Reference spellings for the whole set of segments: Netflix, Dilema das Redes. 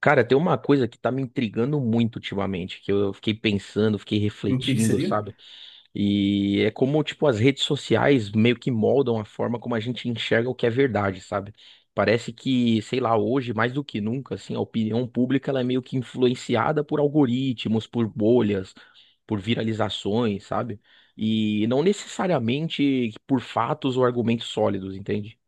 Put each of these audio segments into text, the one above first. Cara, tem uma coisa que tá me intrigando muito ultimamente, que eu fiquei pensando, fiquei E o que que refletindo, seria? sabe? E é como, tipo, as redes sociais meio que moldam a forma como a gente enxerga o que é verdade, sabe? Parece que, sei lá, hoje, mais do que nunca, assim, a opinião pública ela é meio que influenciada por algoritmos, por bolhas, por viralizações, sabe? E não necessariamente por fatos ou argumentos sólidos, entende?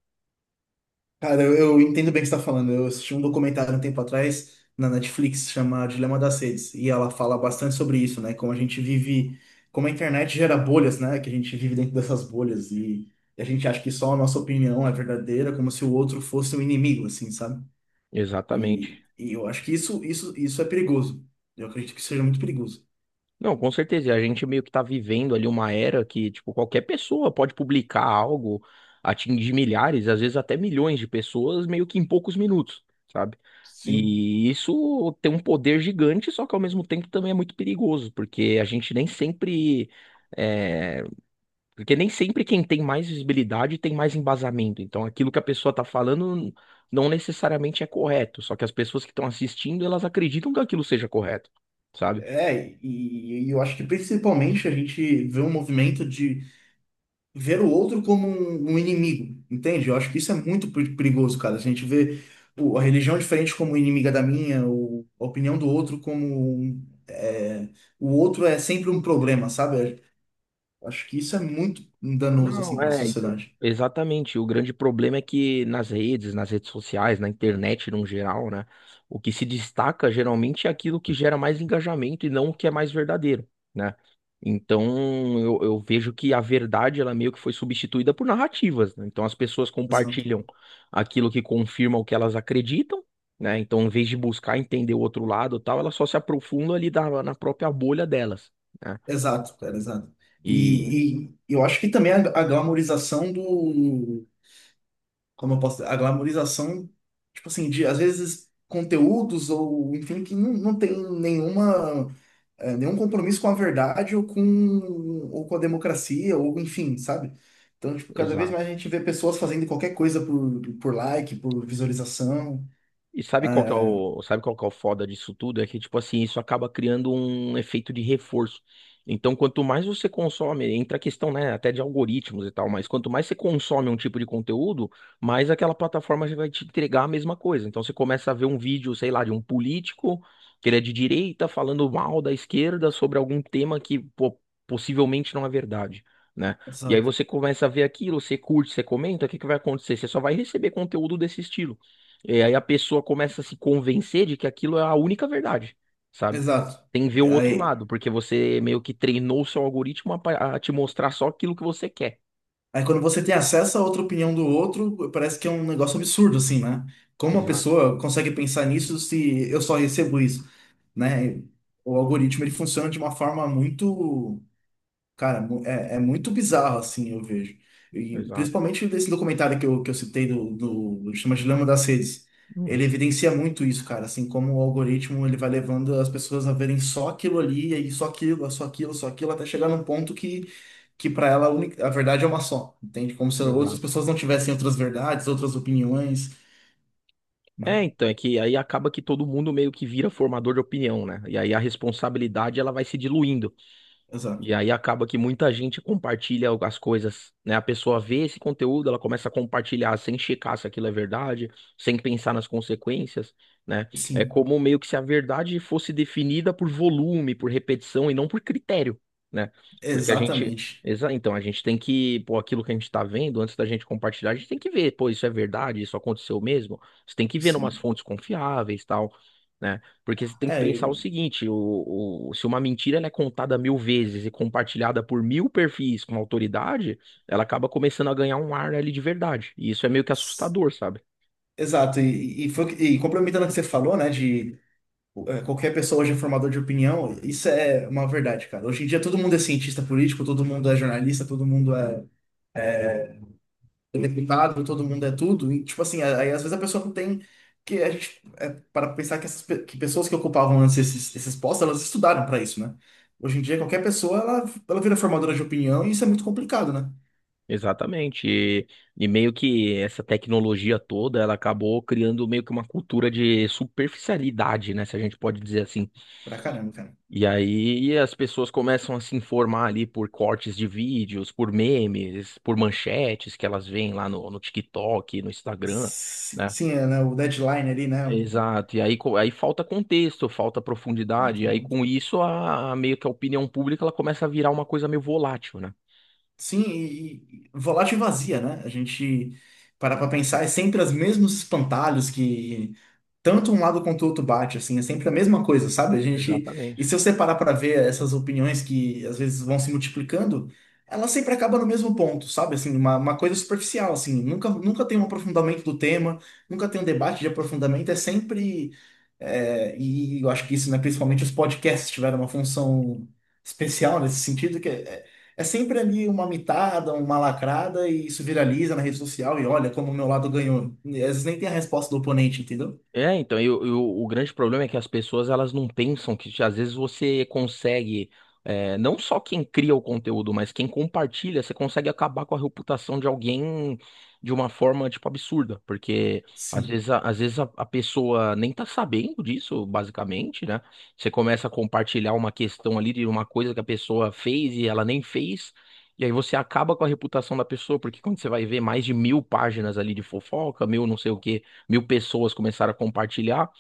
Cara, eu entendo bem o que você está falando. Eu assisti um documentário um tempo atrás na Netflix, chama Dilema das Redes, e ela fala bastante sobre isso, né? Como a gente vive, como a internet gera bolhas, né? Que a gente vive dentro dessas bolhas e a gente acha que só a nossa opinião é verdadeira, como se o outro fosse um inimigo, assim, sabe? Exatamente. E eu acho que isso é perigoso. Eu acredito que seja muito perigoso. Não, com certeza. E a gente meio que tá vivendo ali uma era que, tipo, qualquer pessoa pode publicar algo, atingir milhares, às vezes até milhões de pessoas, meio que em poucos minutos, sabe? Sim. E isso tem um poder gigante, só que ao mesmo tempo também é muito perigoso, porque a gente nem sempre. é, Porque nem sempre quem tem mais visibilidade tem mais embasamento. Então, aquilo que a pessoa tá falando não necessariamente é correto, só que as pessoas que estão assistindo, elas acreditam que aquilo seja correto, sabe? É, e eu acho que principalmente a gente vê um movimento de ver o outro como um inimigo, entende? Eu acho que isso é muito perigoso, cara. Se a gente vê a religião diferente como inimiga da minha, ou a opinião do outro como o outro é sempre um problema, sabe? Eu acho que isso é muito danoso assim Não, para a é, então, sociedade. exatamente. O grande problema é que nas redes sociais, na internet no geral, né? O que se destaca geralmente é aquilo que gera mais engajamento e não o que é mais verdadeiro, né? Então, eu vejo que a verdade, ela meio que foi substituída por narrativas, né? Então, as pessoas Exato, compartilham aquilo que confirma o que elas acreditam, né? Então, em vez de buscar entender o outro lado, e tal, elas só se aprofundam ali na própria bolha delas, né? exato, cara, exato. E, E eu acho que também a glamorização do, como eu posso dizer? A glamorização, tipo assim, de às vezes conteúdos ou enfim que não tem nenhuma nenhum compromisso com a verdade ou com a democracia, ou enfim, sabe? Então, tipo, cada vez exato. mais a gente vê pessoas fazendo qualquer coisa por like, por visualização. E sabe qual que é É, o, sabe qual que é o foda disso tudo? É que, tipo assim, isso acaba criando um efeito de reforço. Então, quanto mais você consome, entra a questão, né, até de algoritmos e tal, mas quanto mais você consome um tipo de conteúdo, mais aquela plataforma já vai te entregar a mesma coisa. Então, você começa a ver um vídeo, sei lá, de um político que ele é de direita falando mal da esquerda sobre algum tema que, pô, possivelmente não é verdade, né? E aí exato, você começa a ver aquilo, você curte, você comenta, o que que vai acontecer? Você só vai receber conteúdo desse estilo. E aí a pessoa começa a se convencer de que aquilo é a única verdade, sabe? exato. Tem que ver o outro Aí, lado, porque você meio que treinou o seu algoritmo a, a te mostrar só aquilo que você quer. aí quando você tem acesso a outra opinião do outro, parece que é um negócio absurdo, assim, né? Como uma Exato, pessoa consegue pensar nisso se eu só recebo isso, né? O algoritmo, ele funciona de uma forma muito... Cara, é muito bizarro, assim, eu vejo. E exato. principalmente desse documentário que eu citei, do chama Dilema das Redes. Ele Hum, evidencia muito isso, cara, assim, como o algoritmo ele vai levando as pessoas a verem só aquilo ali, e aí só aquilo, só aquilo, só aquilo, até chegar num ponto que para ela a verdade é uma só, entende? Como se outras exato. pessoas não tivessem outras verdades, outras opiniões, né? É, então, é que aí acaba que todo mundo meio que vira formador de opinião, né? E aí a responsabilidade ela vai se diluindo. Exato. E aí acaba que muita gente compartilha as coisas, né? A pessoa vê esse conteúdo, ela começa a compartilhar sem checar se aquilo é verdade, sem pensar nas consequências, né? É Sim, como meio que se a verdade fosse definida por volume, por repetição e não por critério, né? Porque a gente, exatamente. Então a gente tem que, pô, aquilo que a gente tá vendo, antes da gente compartilhar, a gente tem que ver, pô, isso é verdade, isso aconteceu mesmo. Você tem que ver em umas Sim. fontes confiáveis, tal, né? Porque você tem que É, pensar o eu- seguinte: se uma mentira ela é contada mil vezes e compartilhada por mil perfis com autoridade, ela acaba começando a ganhar um ar ali de verdade. E isso é meio que s- assustador, sabe? Exato, e complementando o que você falou, né, de qualquer pessoa hoje é formador de opinião, isso é uma verdade, cara. Hoje em dia todo mundo é cientista político, todo mundo é jornalista, todo mundo é deputado, todo mundo é tudo. E, tipo assim, aí às vezes a pessoa não tem. Que a gente, para pensar que, que pessoas que ocupavam antes esses postos, elas estudaram para isso, né? Hoje em dia qualquer pessoa, ela vira formadora de opinião e isso é muito complicado, né? Exatamente. E meio que essa tecnologia toda, ela acabou criando meio que uma cultura de superficialidade, né? Se a gente pode dizer assim. Pra caramba, cara. E aí as pessoas começam a se informar ali por cortes de vídeos, por memes, por manchetes que elas veem lá no TikTok, no Instagram, Sim, né? sim, é, né? O deadline ali, né? Exato, e aí, aí falta contexto, falta profundidade, Pronto, e aí com isso a meio que a opinião pública ela começa a virar uma coisa meio volátil, né? sim, e volátil e vazia, né? A gente parar pra pensar, é sempre os mesmos espantalhos que tanto um lado quanto o outro bate, assim, é sempre a mesma coisa, sabe? A gente, Exatamente. e se eu separar para ver essas opiniões que às vezes vão se multiplicando, ela sempre acaba no mesmo ponto, sabe? Assim, uma coisa superficial, assim, nunca tem um aprofundamento do tema, nunca tem um debate de aprofundamento, é sempre, é, e eu acho que isso, né, principalmente os podcasts tiveram uma função especial nesse sentido, que é sempre ali uma mitada, uma lacrada, e isso viraliza na rede social, e olha como o meu lado ganhou. E às vezes nem tem a resposta do oponente, entendeu? É, então, o grande problema é que as pessoas elas não pensam que às vezes você consegue, é, não só quem cria o conteúdo, mas quem compartilha, você consegue acabar com a reputação de alguém de uma forma, tipo, absurda, porque às Sim. vezes, às vezes a pessoa nem tá sabendo disso, basicamente, né? Você começa a compartilhar uma questão ali de uma coisa que a pessoa fez e ela nem fez, e aí você acaba com a reputação da pessoa, porque quando você vai ver mais de mil páginas ali de fofoca, mil não sei o quê mil pessoas começaram a compartilhar,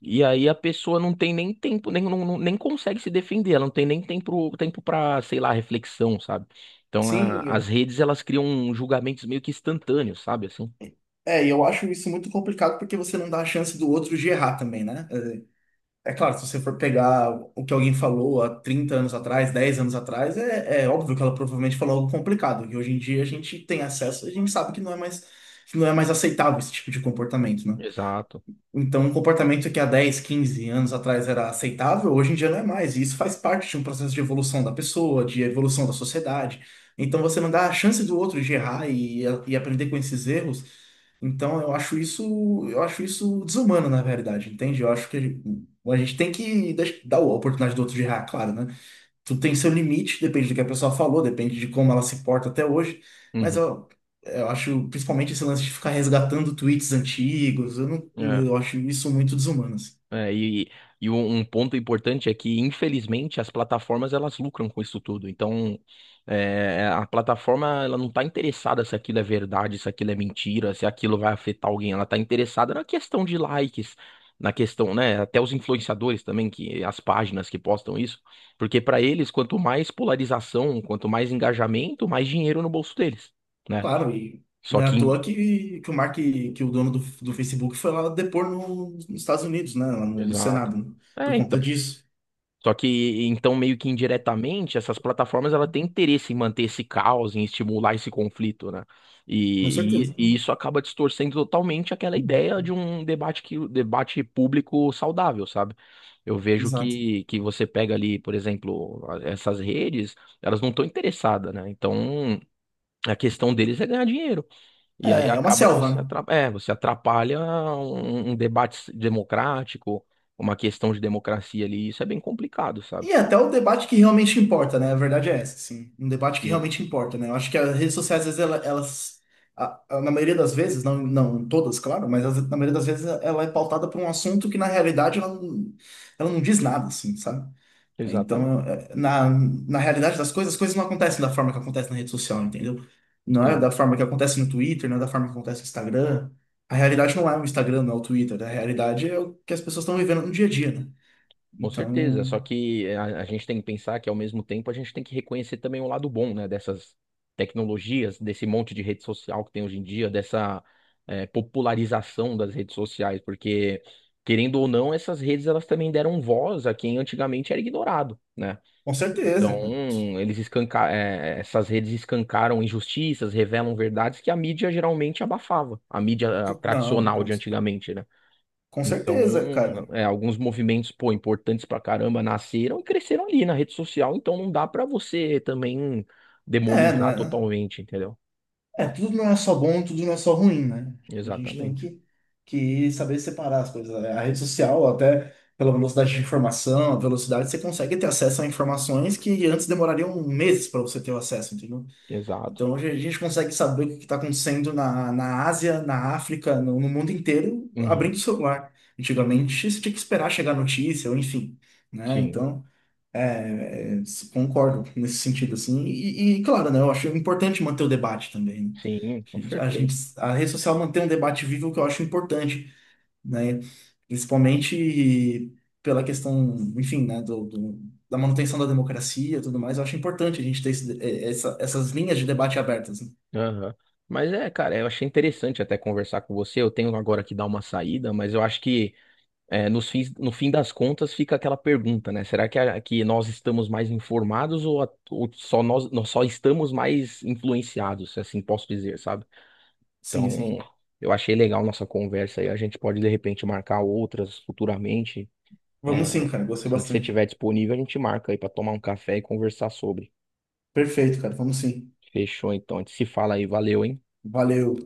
e aí a pessoa não tem nem tempo, nem, nem consegue se defender, ela não tem nem tempo, tempo para, sei lá, reflexão, sabe? Então as Sim, redes elas criam julgamentos meio que instantâneos, sabe assim? é, e eu acho isso muito complicado porque você não dá a chance do outro de errar também, né? É, é claro, se você for pegar o que alguém falou há 30 anos atrás, 10 anos atrás, é, é óbvio que ela provavelmente falou algo complicado, que hoje em dia a gente tem acesso, a gente sabe que não é mais, que não é mais aceitável esse tipo de comportamento, né? Exato. Então, um comportamento que há 10, 15 anos atrás era aceitável, hoje em dia não é mais. E isso faz parte de um processo de evolução da pessoa, de evolução da sociedade. Então, você não dá a chance do outro de errar e aprender com esses erros. Então, eu acho isso desumano, na verdade, entende? Eu acho que a gente tem que dar a oportunidade do outro de errar, claro, né? Tudo tem seu limite, depende do que a pessoa falou, depende de como ela se porta até hoje, mas Uhum. Eu acho, principalmente esse lance de ficar resgatando tweets antigos, eu não, É. eu acho isso muito desumano, assim. É, e um um ponto importante é que, infelizmente, as plataformas elas lucram com isso tudo. Então, é, a plataforma ela não está interessada se aquilo é verdade, se aquilo é mentira, se aquilo vai afetar alguém. Ela está interessada na questão de likes, na questão, né? Até os influenciadores também, que as páginas que postam isso, porque para eles, quanto mais polarização, quanto mais engajamento, mais dinheiro no bolso deles, né? Claro, e Só não é à toa que, que o Mark, que o dono do Facebook foi lá depor nos Estados Unidos, né, lá no exato. Senado, né, É, por conta então. disso, Só que, então, meio que indiretamente, essas plataformas ela tem interesse em manter esse caos, em estimular esse conflito, né? com certeza. E isso acaba distorcendo totalmente aquela ideia de um debate que, debate público saudável, sabe? Eu vejo Exato. Que você pega ali, por exemplo, essas redes, elas não estão interessadas, né? Então, a questão deles é ganhar dinheiro. E aí É, é uma acaba que selva, né? você atrapalha, é, você atrapalha um debate democrático, uma questão de democracia ali, isso é bem complicado, sabe? E até o debate que realmente importa, né? A verdade é essa, assim. Um debate que Sim, realmente importa, né? Eu acho que as redes sociais, às vezes, elas, na maioria das vezes, não todas, claro, mas na maioria das vezes ela é pautada por um assunto que, na realidade, ela não diz nada, assim, sabe? exatamente. Então, é, na realidade das coisas, as coisas não acontecem da forma que acontece na rede social, entendeu? Não é da Sim, forma que acontece no Twitter, não é da forma que acontece no Instagram. A realidade não é o Instagram, não é o Twitter. A realidade é o que as pessoas estão vivendo no dia a dia, né? com certeza. Então. Só que a gente tem que pensar que, ao mesmo tempo, a gente tem que reconhecer também o lado bom, né, dessas tecnologias, desse monte de rede social que tem hoje em dia, dessa popularização das redes sociais, porque, querendo ou não, essas redes elas também deram voz a quem antigamente era ignorado, né? Com certeza, Então, cara. eles escanca eh, eh, essas redes escancaram injustiças, revelam verdades que a mídia geralmente abafava, a mídia Não, tradicional de antigamente, né? com Então, certeza, cara. é, alguns movimentos, pô, importantes pra caramba nasceram e cresceram ali na rede social, então não dá pra você também É, não demonizar é, totalmente, entendeu? é, tudo não é só bom, tudo não é só ruim, né? A gente tem Exatamente. Que saber separar as coisas. Né? A rede social, até pela velocidade de informação, a velocidade, você consegue ter acesso a informações que antes demorariam meses para você ter o acesso, entendeu? Exato. Então, hoje a gente consegue saber o que está acontecendo na Ásia, na África, no mundo inteiro, abrindo Uhum. o celular. Antigamente, você tinha que esperar chegar a notícia, ou enfim, né? Sim, Então. É, é, concordo nesse sentido, assim. Claro, né, eu acho importante manter o debate também. Né? sim, com certeza. A rede social mantém um debate vivo que eu acho importante, né? Principalmente pela questão, enfim, né, da manutenção da democracia e tudo mais. Eu acho importante a gente ter essas linhas de debate abertas. Né? Aham. Mas é, cara, eu achei interessante até conversar com você. Eu tenho agora que dar uma saída, mas eu acho que é, nos fins, no fim das contas fica aquela pergunta, né? Será que, que nós estamos mais informados ou, ou só nós, nós só estamos mais influenciados, se assim posso dizer, sabe? Sim, Então, sim. eu achei legal nossa conversa aí. A gente pode, de repente, marcar outras futuramente. É, Vamos sim, cara. Gostei assim que você bastante. estiver disponível, a gente marca aí para tomar um café e conversar sobre. Perfeito, cara. Vamos sim. Fechou, então. A gente se fala aí. Valeu, hein? Valeu.